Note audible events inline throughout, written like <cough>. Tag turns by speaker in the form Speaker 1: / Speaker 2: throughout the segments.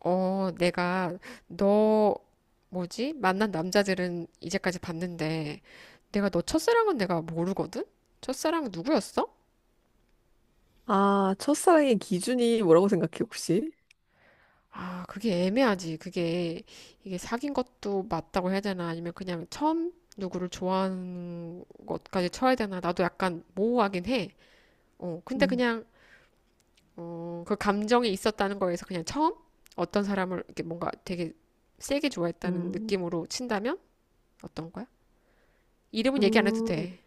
Speaker 1: 내가 너 뭐지? 만난 남자들은 이제까지 봤는데, 내가 너 첫사랑은 내가 모르거든? 첫사랑 누구였어?
Speaker 2: 아, 첫사랑의 기준이 뭐라고 생각해, 혹시?
Speaker 1: 아, 그게 애매하지. 그게 이게 사귄 것도 맞다고 해야 되나? 아니면 그냥 처음 누구를 좋아하는 것까지 쳐야 되나? 나도 약간 모호하긴 해. 근데
Speaker 2: 음.
Speaker 1: 그냥 그 감정이 있었다는 거에서 그냥 처음 어떤 사람을 이렇게 뭔가 되게 세게 좋아했다는
Speaker 2: 음,
Speaker 1: 느낌으로 친다면 어떤 거야? 이름은 얘기 안 해도
Speaker 2: 음,
Speaker 1: 돼.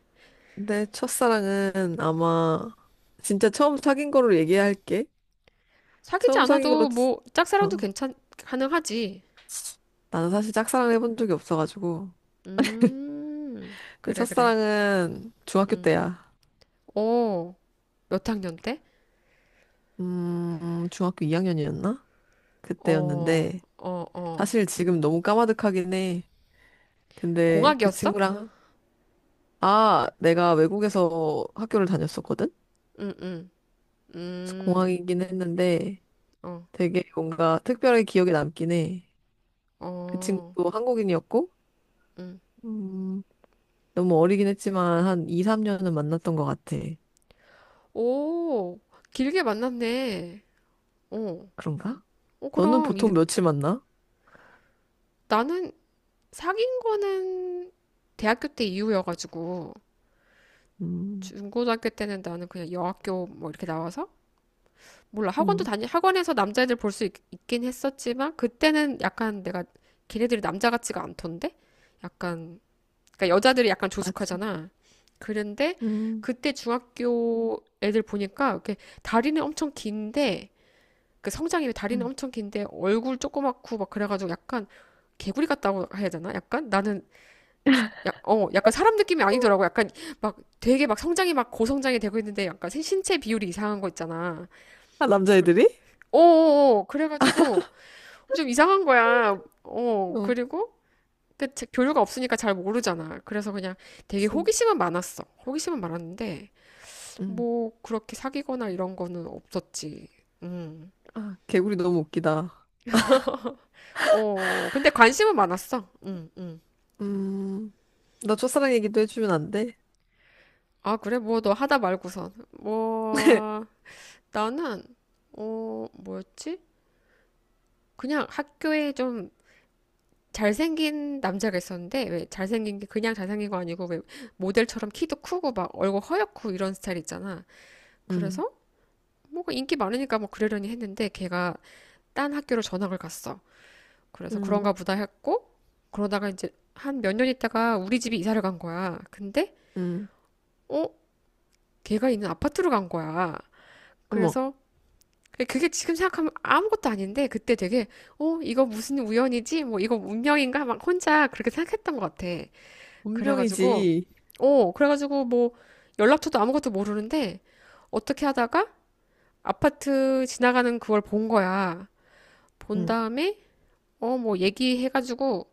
Speaker 2: 내 첫사랑은 아마 진짜 처음 사귄 거로 얘기할게.
Speaker 1: 사귀지
Speaker 2: 처음 사귄 거로,
Speaker 1: 않아도 뭐 짝사랑도
Speaker 2: 어,
Speaker 1: 괜찮 가능하지.
Speaker 2: 나는 사실 짝사랑을 해본 적이 없어가지고.
Speaker 1: 음,
Speaker 2: 내
Speaker 1: 그래 그래.
Speaker 2: 첫사랑은 중학교 때야.
Speaker 1: 어, 몇 학년 때?
Speaker 2: 중학교 2학년이었나?
Speaker 1: 어,
Speaker 2: 그때였는데,
Speaker 1: 어, 어.
Speaker 2: 사실 지금 너무 까마득하긴 해. 근데 그
Speaker 1: 공학이었어?
Speaker 2: 친구랑, 아, 내가 외국에서 학교를 다녔었거든?
Speaker 1: 응, 응,
Speaker 2: 그래서
Speaker 1: 음,
Speaker 2: 공항이긴 했는데,
Speaker 1: 어,
Speaker 2: 되게 뭔가 특별하게 기억에 남긴 해. 그
Speaker 1: 어.
Speaker 2: 친구도 한국인이었고, 음, 너무 어리긴 했지만 한 2, 3년은 만났던 것 같아.
Speaker 1: 오, 길게 만났네. 어,
Speaker 2: 그런가?
Speaker 1: 어
Speaker 2: 너는
Speaker 1: 그럼 이,
Speaker 2: 보통 며칠 만나?
Speaker 1: 나는 사귄 거는 대학교 때 이후여가지고
Speaker 2: 음,
Speaker 1: 중고등학교 때는 나는 그냥 여학교 뭐 이렇게 나와서 몰라.
Speaker 2: 음,
Speaker 1: 학원에서 남자애들 볼 수 있긴 했었지만, 그때는 약간 내가, 걔네들이 남자 같지가 않던데? 약간, 그러니까 여자들이 약간
Speaker 2: 맞아.
Speaker 1: 조숙하잖아. 그런데,
Speaker 2: 음,
Speaker 1: 그때 중학교 애들 보니까, 이렇게 다리는 엄청 긴데, 그 성장이 다리는
Speaker 2: 음.
Speaker 1: 엄청 긴데, 얼굴 조그맣고 막 그래가지고 약간, 개구리 같다고 해야 되나? 약간 나는 약간 사람 느낌이 아니더라고. 약간 막 되게 막 성장이 막 고성장이 되고 있는데 약간 신체 비율이 이상한 거 있잖아.
Speaker 2: 아,
Speaker 1: 그,
Speaker 2: 남자애들이?
Speaker 1: 어어어 그래가지고 좀 이상한 거야.
Speaker 2: 어,
Speaker 1: 그리고 그 교류가 없으니까 잘 모르잖아. 그래서 그냥 되게
Speaker 2: 그치.
Speaker 1: 호기심은 많았어. 호기심은 많았는데
Speaker 2: 음.
Speaker 1: 뭐 그렇게 사귀거나 이런 거는 없었지. 음.
Speaker 2: 아, 개구리 너무 웃기다.
Speaker 1: 근데 관심은 많았어.
Speaker 2: 음, 나 첫사랑 얘기도 해주면 안 돼?
Speaker 1: 아 그래, 뭐 너 하다 말고선, 뭐
Speaker 2: <laughs>
Speaker 1: 나는 뭐였지? 그냥 학교에 좀 잘생긴 남자가 있었는데, 왜 잘생긴 게 그냥 잘생긴 거 아니고 왜 모델처럼 키도 크고 막 얼굴 허옇고 이런 스타일 있잖아.
Speaker 2: 음,
Speaker 1: 그래서 뭔가 인기 많으니까 뭐 그러려니 했는데, 걔가 딴 학교로 전학을 갔어. 그래서
Speaker 2: 음,
Speaker 1: 그런가 보다 했고, 그러다가 이제 한 몇 년 있다가 우리 집이 이사를 간 거야. 근데
Speaker 2: 음.
Speaker 1: 어 걔가 있는 아파트로 간 거야.
Speaker 2: 어머,
Speaker 1: 그래서 그게 지금 생각하면 아무것도 아닌데, 그때 되게 이거 무슨 우연이지? 뭐 이거 운명인가? 막 혼자 그렇게 생각했던 것 같아. 그래가지고,
Speaker 2: 운명이지.
Speaker 1: 그래가지고 뭐 연락처도 아무것도 모르는데 어떻게 하다가 아파트 지나가는 그걸 본 거야. 본
Speaker 2: 음,
Speaker 1: 다음에 뭐 얘기해가지고,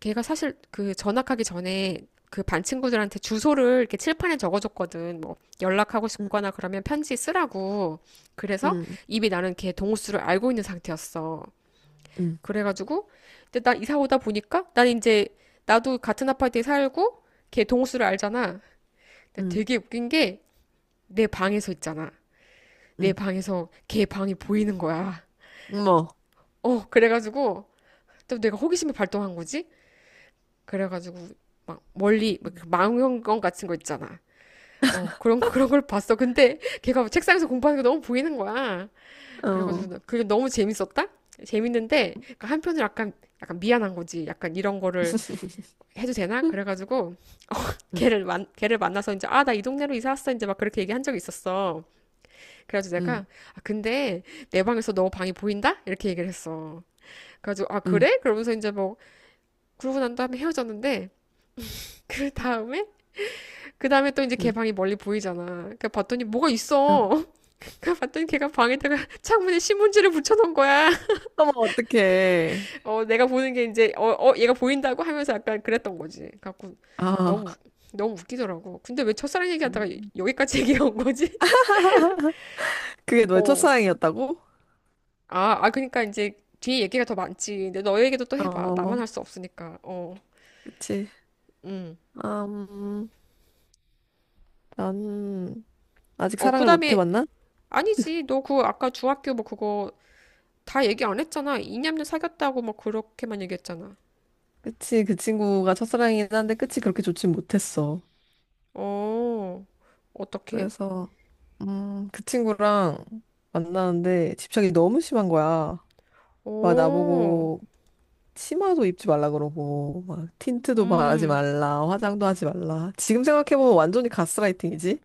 Speaker 1: 걔가 사실 그 전학하기 전에 그 반 친구들한테 주소를 이렇게 칠판에 적어줬거든. 뭐 연락하고
Speaker 2: 음,
Speaker 1: 싶거나 그러면 편지 쓰라고. 그래서
Speaker 2: 음,
Speaker 1: 이미 나는 걔 동호수를 알고 있는 상태였어.
Speaker 2: 음,
Speaker 1: 그래가지고 근데 나 이사 오다 보니까 난 이제 나도 같은 아파트에 살고 걔 동호수를 알잖아.
Speaker 2: 음,
Speaker 1: 되게 웃긴 게 내 방에서 있잖아, 내
Speaker 2: 음.
Speaker 1: 방에서 걔 방이 보이는 거야.
Speaker 2: 어머,
Speaker 1: 그래가지고 또 내가 호기심이 발동한 거지? 그래가지고 막 멀리 막 그 망원경 같은 거 있잖아. 그런 걸 봤어. 근데 걔가 책상에서 공부하는 게 너무 보이는 거야.
Speaker 2: 어.
Speaker 1: 그래가지고 그게 너무 재밌었다? 재밌는데, 그러니까 한편으로 약간 미안한 거지. 약간 이런 거를
Speaker 2: <laughs>
Speaker 1: 해도 되나? 그래가지고 <laughs>
Speaker 2: 응,
Speaker 1: 걔를 만나서 이제, 아, 나 이 동네로 이사 왔어 이제, 막 그렇게 얘기한 적이 있었어. 그래가지고 내가
Speaker 2: 응,
Speaker 1: 아 근데 내 방에서 너 방이 보인다? 이렇게 얘기를 했어. 그래가지고 아
Speaker 2: 응,
Speaker 1: 그래? 그러면서 이제 뭐 그러고 난 다음에 헤어졌는데, <laughs> 그 다음에 그 다음에 또 이제 걔
Speaker 2: 응.
Speaker 1: 방이 멀리 보이잖아. 그러니까 봤더니 뭐가
Speaker 2: 어,
Speaker 1: 있어. <laughs> 그 봤더니 걔가 방에다가 <laughs> 창문에 신문지를 붙여놓은 거야.
Speaker 2: 어머, 어떡해.
Speaker 1: <laughs> 내가 보는 게 이제 얘가 보인다고 하면서 약간 그랬던 거지. 갖고 너무
Speaker 2: 아
Speaker 1: 너무 웃기더라고. 근데 왜 첫사랑 얘기하다가
Speaker 2: 음,
Speaker 1: 여기까지 <laughs> 얘기해 온 거지?
Speaker 2: 그게
Speaker 1: <laughs>
Speaker 2: 너의
Speaker 1: 어.
Speaker 2: 첫사랑이었다고?
Speaker 1: 아, 아, 그러니까 이제 뒤에 얘기가 더 많지. 근데 너 얘기도 또 해봐. 나만
Speaker 2: 어,
Speaker 1: 할 수 없으니까. 어,
Speaker 2: 그치.
Speaker 1: 음.
Speaker 2: 아, 나는 아직 사랑을 못
Speaker 1: 그다음에
Speaker 2: 해봤나?
Speaker 1: 아니지. 너 그 아까 중학교 뭐 그거 다 얘기 안 했잖아. 이념녀 사귀었다고 뭐 그렇게만 얘기했잖아.
Speaker 2: 그치, 그 친구가 첫사랑이긴 한데 끝이 그렇게 좋진 못했어.
Speaker 1: 어, 어떻게?
Speaker 2: 그래서, 그 친구랑 만나는데 집착이 너무 심한 거야. 막
Speaker 1: 어,
Speaker 2: 나보고 치마도 입지 말라 그러고 막 틴트도 바르지
Speaker 1: 음,
Speaker 2: 말라 화장도 하지 말라 지금 생각해보면 완전히 가스라이팅이지.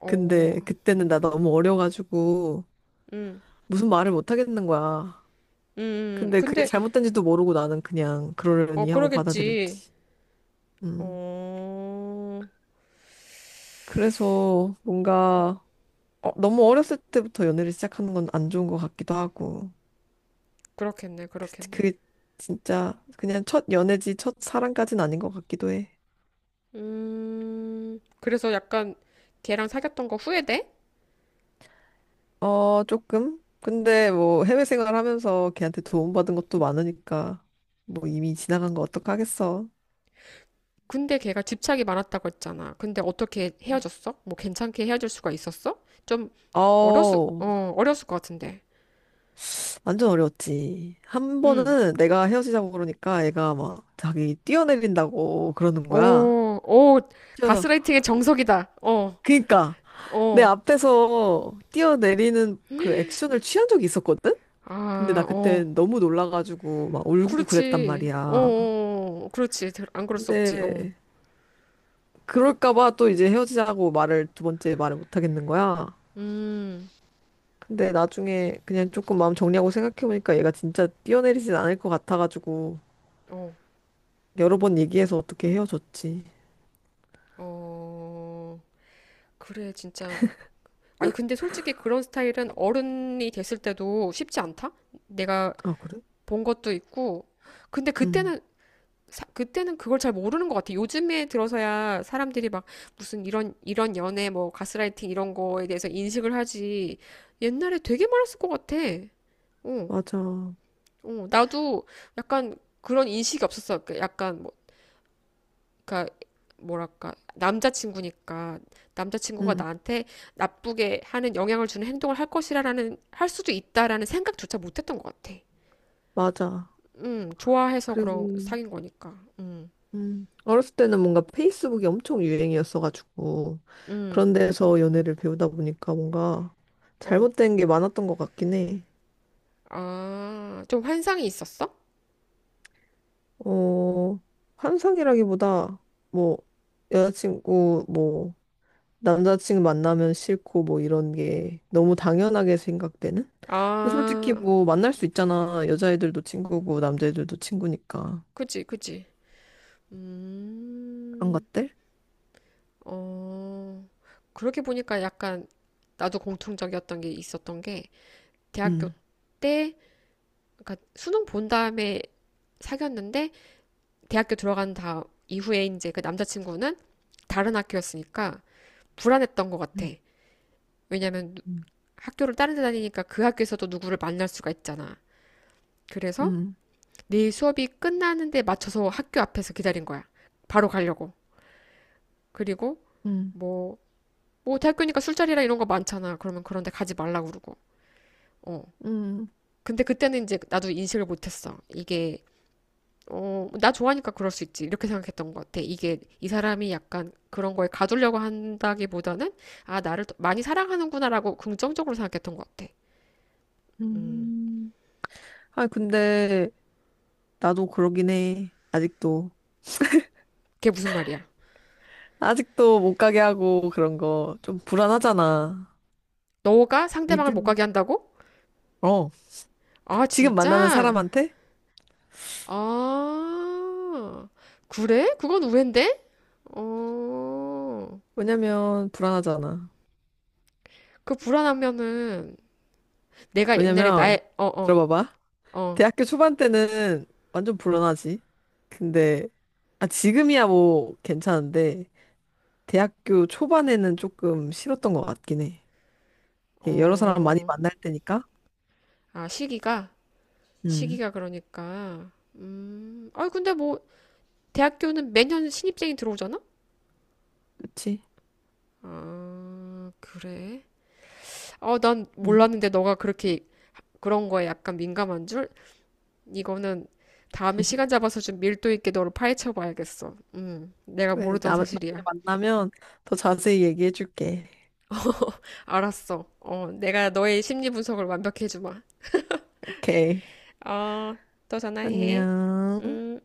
Speaker 1: 어,
Speaker 2: 근데 그때는 나 너무 어려가지고
Speaker 1: 음,
Speaker 2: 무슨 말을 못 하겠는 거야. 근데 그게
Speaker 1: 근데
Speaker 2: 잘못된지도 모르고 나는 그냥 그러려니 하고
Speaker 1: 그러겠지.
Speaker 2: 받아들였지. 음
Speaker 1: 어,
Speaker 2: 그래서 뭔가 너무 어렸을 때부터 연애를 시작하는 건 안 좋은 것 같기도 하고
Speaker 1: 그렇겠네, 그렇겠네.
Speaker 2: 그게 진짜 그냥 첫 연애지 첫 사랑까진 아닌 것 같기도 해.
Speaker 1: 그래서 약간 걔랑 사귀었던 거 후회돼?
Speaker 2: 어, 조금? 근데 뭐 해외 생활하면서 걔한테 도움받은 것도 많으니까 뭐 이미 지나간 거 어떡하겠어.
Speaker 1: 근데 걔가 집착이 많았다고 했잖아. 근데 어떻게 헤어졌어? 뭐 괜찮게 헤어질 수가 있었어? 좀 어렸을,
Speaker 2: 어우,
Speaker 1: 어, 어렸을 것 같은데.
Speaker 2: 완전 어려웠지. 한
Speaker 1: 응.
Speaker 2: 번은 내가 헤어지자고 그러니까 애가 막 자기 뛰어내린다고 그러는 거야.
Speaker 1: 오, 오,
Speaker 2: 뛰어,
Speaker 1: 가스라이팅의 정석이다. 어,
Speaker 2: 그니까 내
Speaker 1: 어,
Speaker 2: 앞에서 뛰어내리는 그 액션을 취한 적이 있었거든? 근데 나
Speaker 1: 아,
Speaker 2: 그때
Speaker 1: 어.
Speaker 2: 너무 놀라가지고 막 울고 그랬단
Speaker 1: 그렇지. 어,
Speaker 2: 말이야.
Speaker 1: 어, 어. 그렇지. 안 그럴 수 없지. 어.
Speaker 2: 근데 그럴까봐 또 이제 헤어지자고 말을 두 번째 말을 못 하겠는 거야.
Speaker 1: 음,
Speaker 2: 근데 나중에 그냥 조금 마음 정리하고 생각해보니까 얘가 진짜 뛰어내리진 않을 것 같아가지고
Speaker 1: 어,
Speaker 2: 여러 번 얘기해서 어떻게 헤어졌지.
Speaker 1: 어. 그래, 진짜. 아니, 근데 솔직히 그런 스타일은 어른이 됐을 때도 쉽지 않다? 내가
Speaker 2: 아, 그래?
Speaker 1: 본 것도 있고. 근데
Speaker 2: 응,
Speaker 1: 그때는 그때는 그걸 잘 모르는 것 같아. 요즘에 들어서야 사람들이 막 무슨 이런 연애, 뭐, 가스라이팅 이런 거에 대해서 인식을 하지. 옛날에 되게 많았을 것 같아. 어,
Speaker 2: 맞아.
Speaker 1: 어, 나도 약간 그런 인식이 없었어. 그 약간 뭐, 그니까 뭐랄까 남자친구니까 남자친구가
Speaker 2: 응,
Speaker 1: 나한테 나쁘게 하는 영향을 주는 행동을 할 수도 있다라는 생각조차 못했던 것 같아.
Speaker 2: 맞아.
Speaker 1: 좋아해서 그런
Speaker 2: 그리고,
Speaker 1: 사귄 거니까.
Speaker 2: 어렸을 때는 뭔가 페이스북이 엄청 유행이었어가지고
Speaker 1: 음,
Speaker 2: 그런 데서 연애를 배우다 보니까 뭔가
Speaker 1: 어.
Speaker 2: 잘못된 게 많았던 것 같긴 해.
Speaker 1: 아, 좀 환상이 있었어?
Speaker 2: 어, 환상이라기보다, 뭐, 여자친구, 뭐, 남자친구 만나면 싫고, 뭐, 이런 게 너무 당연하게 생각되는? 근데 솔직히
Speaker 1: 아,
Speaker 2: 뭐, 만날 수 있잖아. 여자애들도 친구고, 남자애들도 친구니까.
Speaker 1: 그지, 그지.
Speaker 2: 그런
Speaker 1: 음,
Speaker 2: 것들?
Speaker 1: 어, 그렇게 보니까 약간 나도 공통적이었던 게 있었던 게, 대학교
Speaker 2: 응,
Speaker 1: 때, 그러니까 수능 본 다음에 사귀었는데, 대학교 들어간 다음 이후에 이제 그 남자친구는 다른 학교였으니까 불안했던 것 같아.
Speaker 2: 응,
Speaker 1: 왜냐면
Speaker 2: 응,
Speaker 1: 학교를 다른 데 다니니까 그 학교에서도 누구를 만날 수가 있잖아. 그래서
Speaker 2: 응,
Speaker 1: 내 수업이 끝나는데 맞춰서 학교 앞에서 기다린 거야. 바로 가려고. 그리고
Speaker 2: 응,
Speaker 1: 뭐, 대학교니까 술자리라 이런 거 많잖아. 그러면 그런데 가지 말라고 그러고. 어.
Speaker 2: 응,
Speaker 1: 근데 그때는 이제 나도 인식을 못했어. 이게 나 좋아하니까 그럴 수 있지, 이렇게 생각했던 것 같아. 이게 이 사람이 약간 그런 거에 가두려고 한다기보다는 아, 나를 더 많이 사랑하는구나라고 긍정적으로 생각했던 것 같아.
Speaker 2: 응. 아, 근데, 나도 그러긴 해. 아직도.
Speaker 1: 그게 무슨 말이야?
Speaker 2: 아직도 못 가게 하고, 그런 거. 좀 불안하잖아.
Speaker 1: 너가 상대방을 못
Speaker 2: 믿음,
Speaker 1: 가게 한다고?
Speaker 2: 어.
Speaker 1: 아,
Speaker 2: 지금 만나는
Speaker 1: 진짜?
Speaker 2: 사람한테?
Speaker 1: 아, 그래? 그건 우회인데? 어,
Speaker 2: 왜냐면 불안하잖아.
Speaker 1: 그 불안하면은 내가 옛날에
Speaker 2: 왜냐면
Speaker 1: 나의,
Speaker 2: 들어봐봐.
Speaker 1: 어,
Speaker 2: 대학교 초반 때는 완전 불안하지. 근데 아 지금이야 뭐 괜찮은데 대학교 초반에는 조금 싫었던 것 같긴 해. 이게 여러 사람 많이
Speaker 1: 어,
Speaker 2: 만날 때니까.
Speaker 1: 아, 시기가?
Speaker 2: 음,
Speaker 1: 시기가 그러니까. 아, 근데 뭐, 대학교는 매년 신입생이 들어오잖아?
Speaker 2: 그치?
Speaker 1: 아, 그래? 어, 난
Speaker 2: 음.
Speaker 1: 몰랐는데 너가 그렇게 그런 거에 약간 민감한 줄? 이거는 다음에 시간
Speaker 2: <laughs>
Speaker 1: 잡아서 좀 밀도 있게 너를 파헤쳐 봐야겠어. 내가
Speaker 2: 그래,
Speaker 1: 모르던
Speaker 2: 나 나중에
Speaker 1: 사실이야.
Speaker 2: 만나면 더 자세히 얘기해줄게.
Speaker 1: 알았어. 내가 너의 심리 분석을 완벽히 해주마.
Speaker 2: 오케이.
Speaker 1: 어, 또 전화해.
Speaker 2: 안녕.
Speaker 1: 음.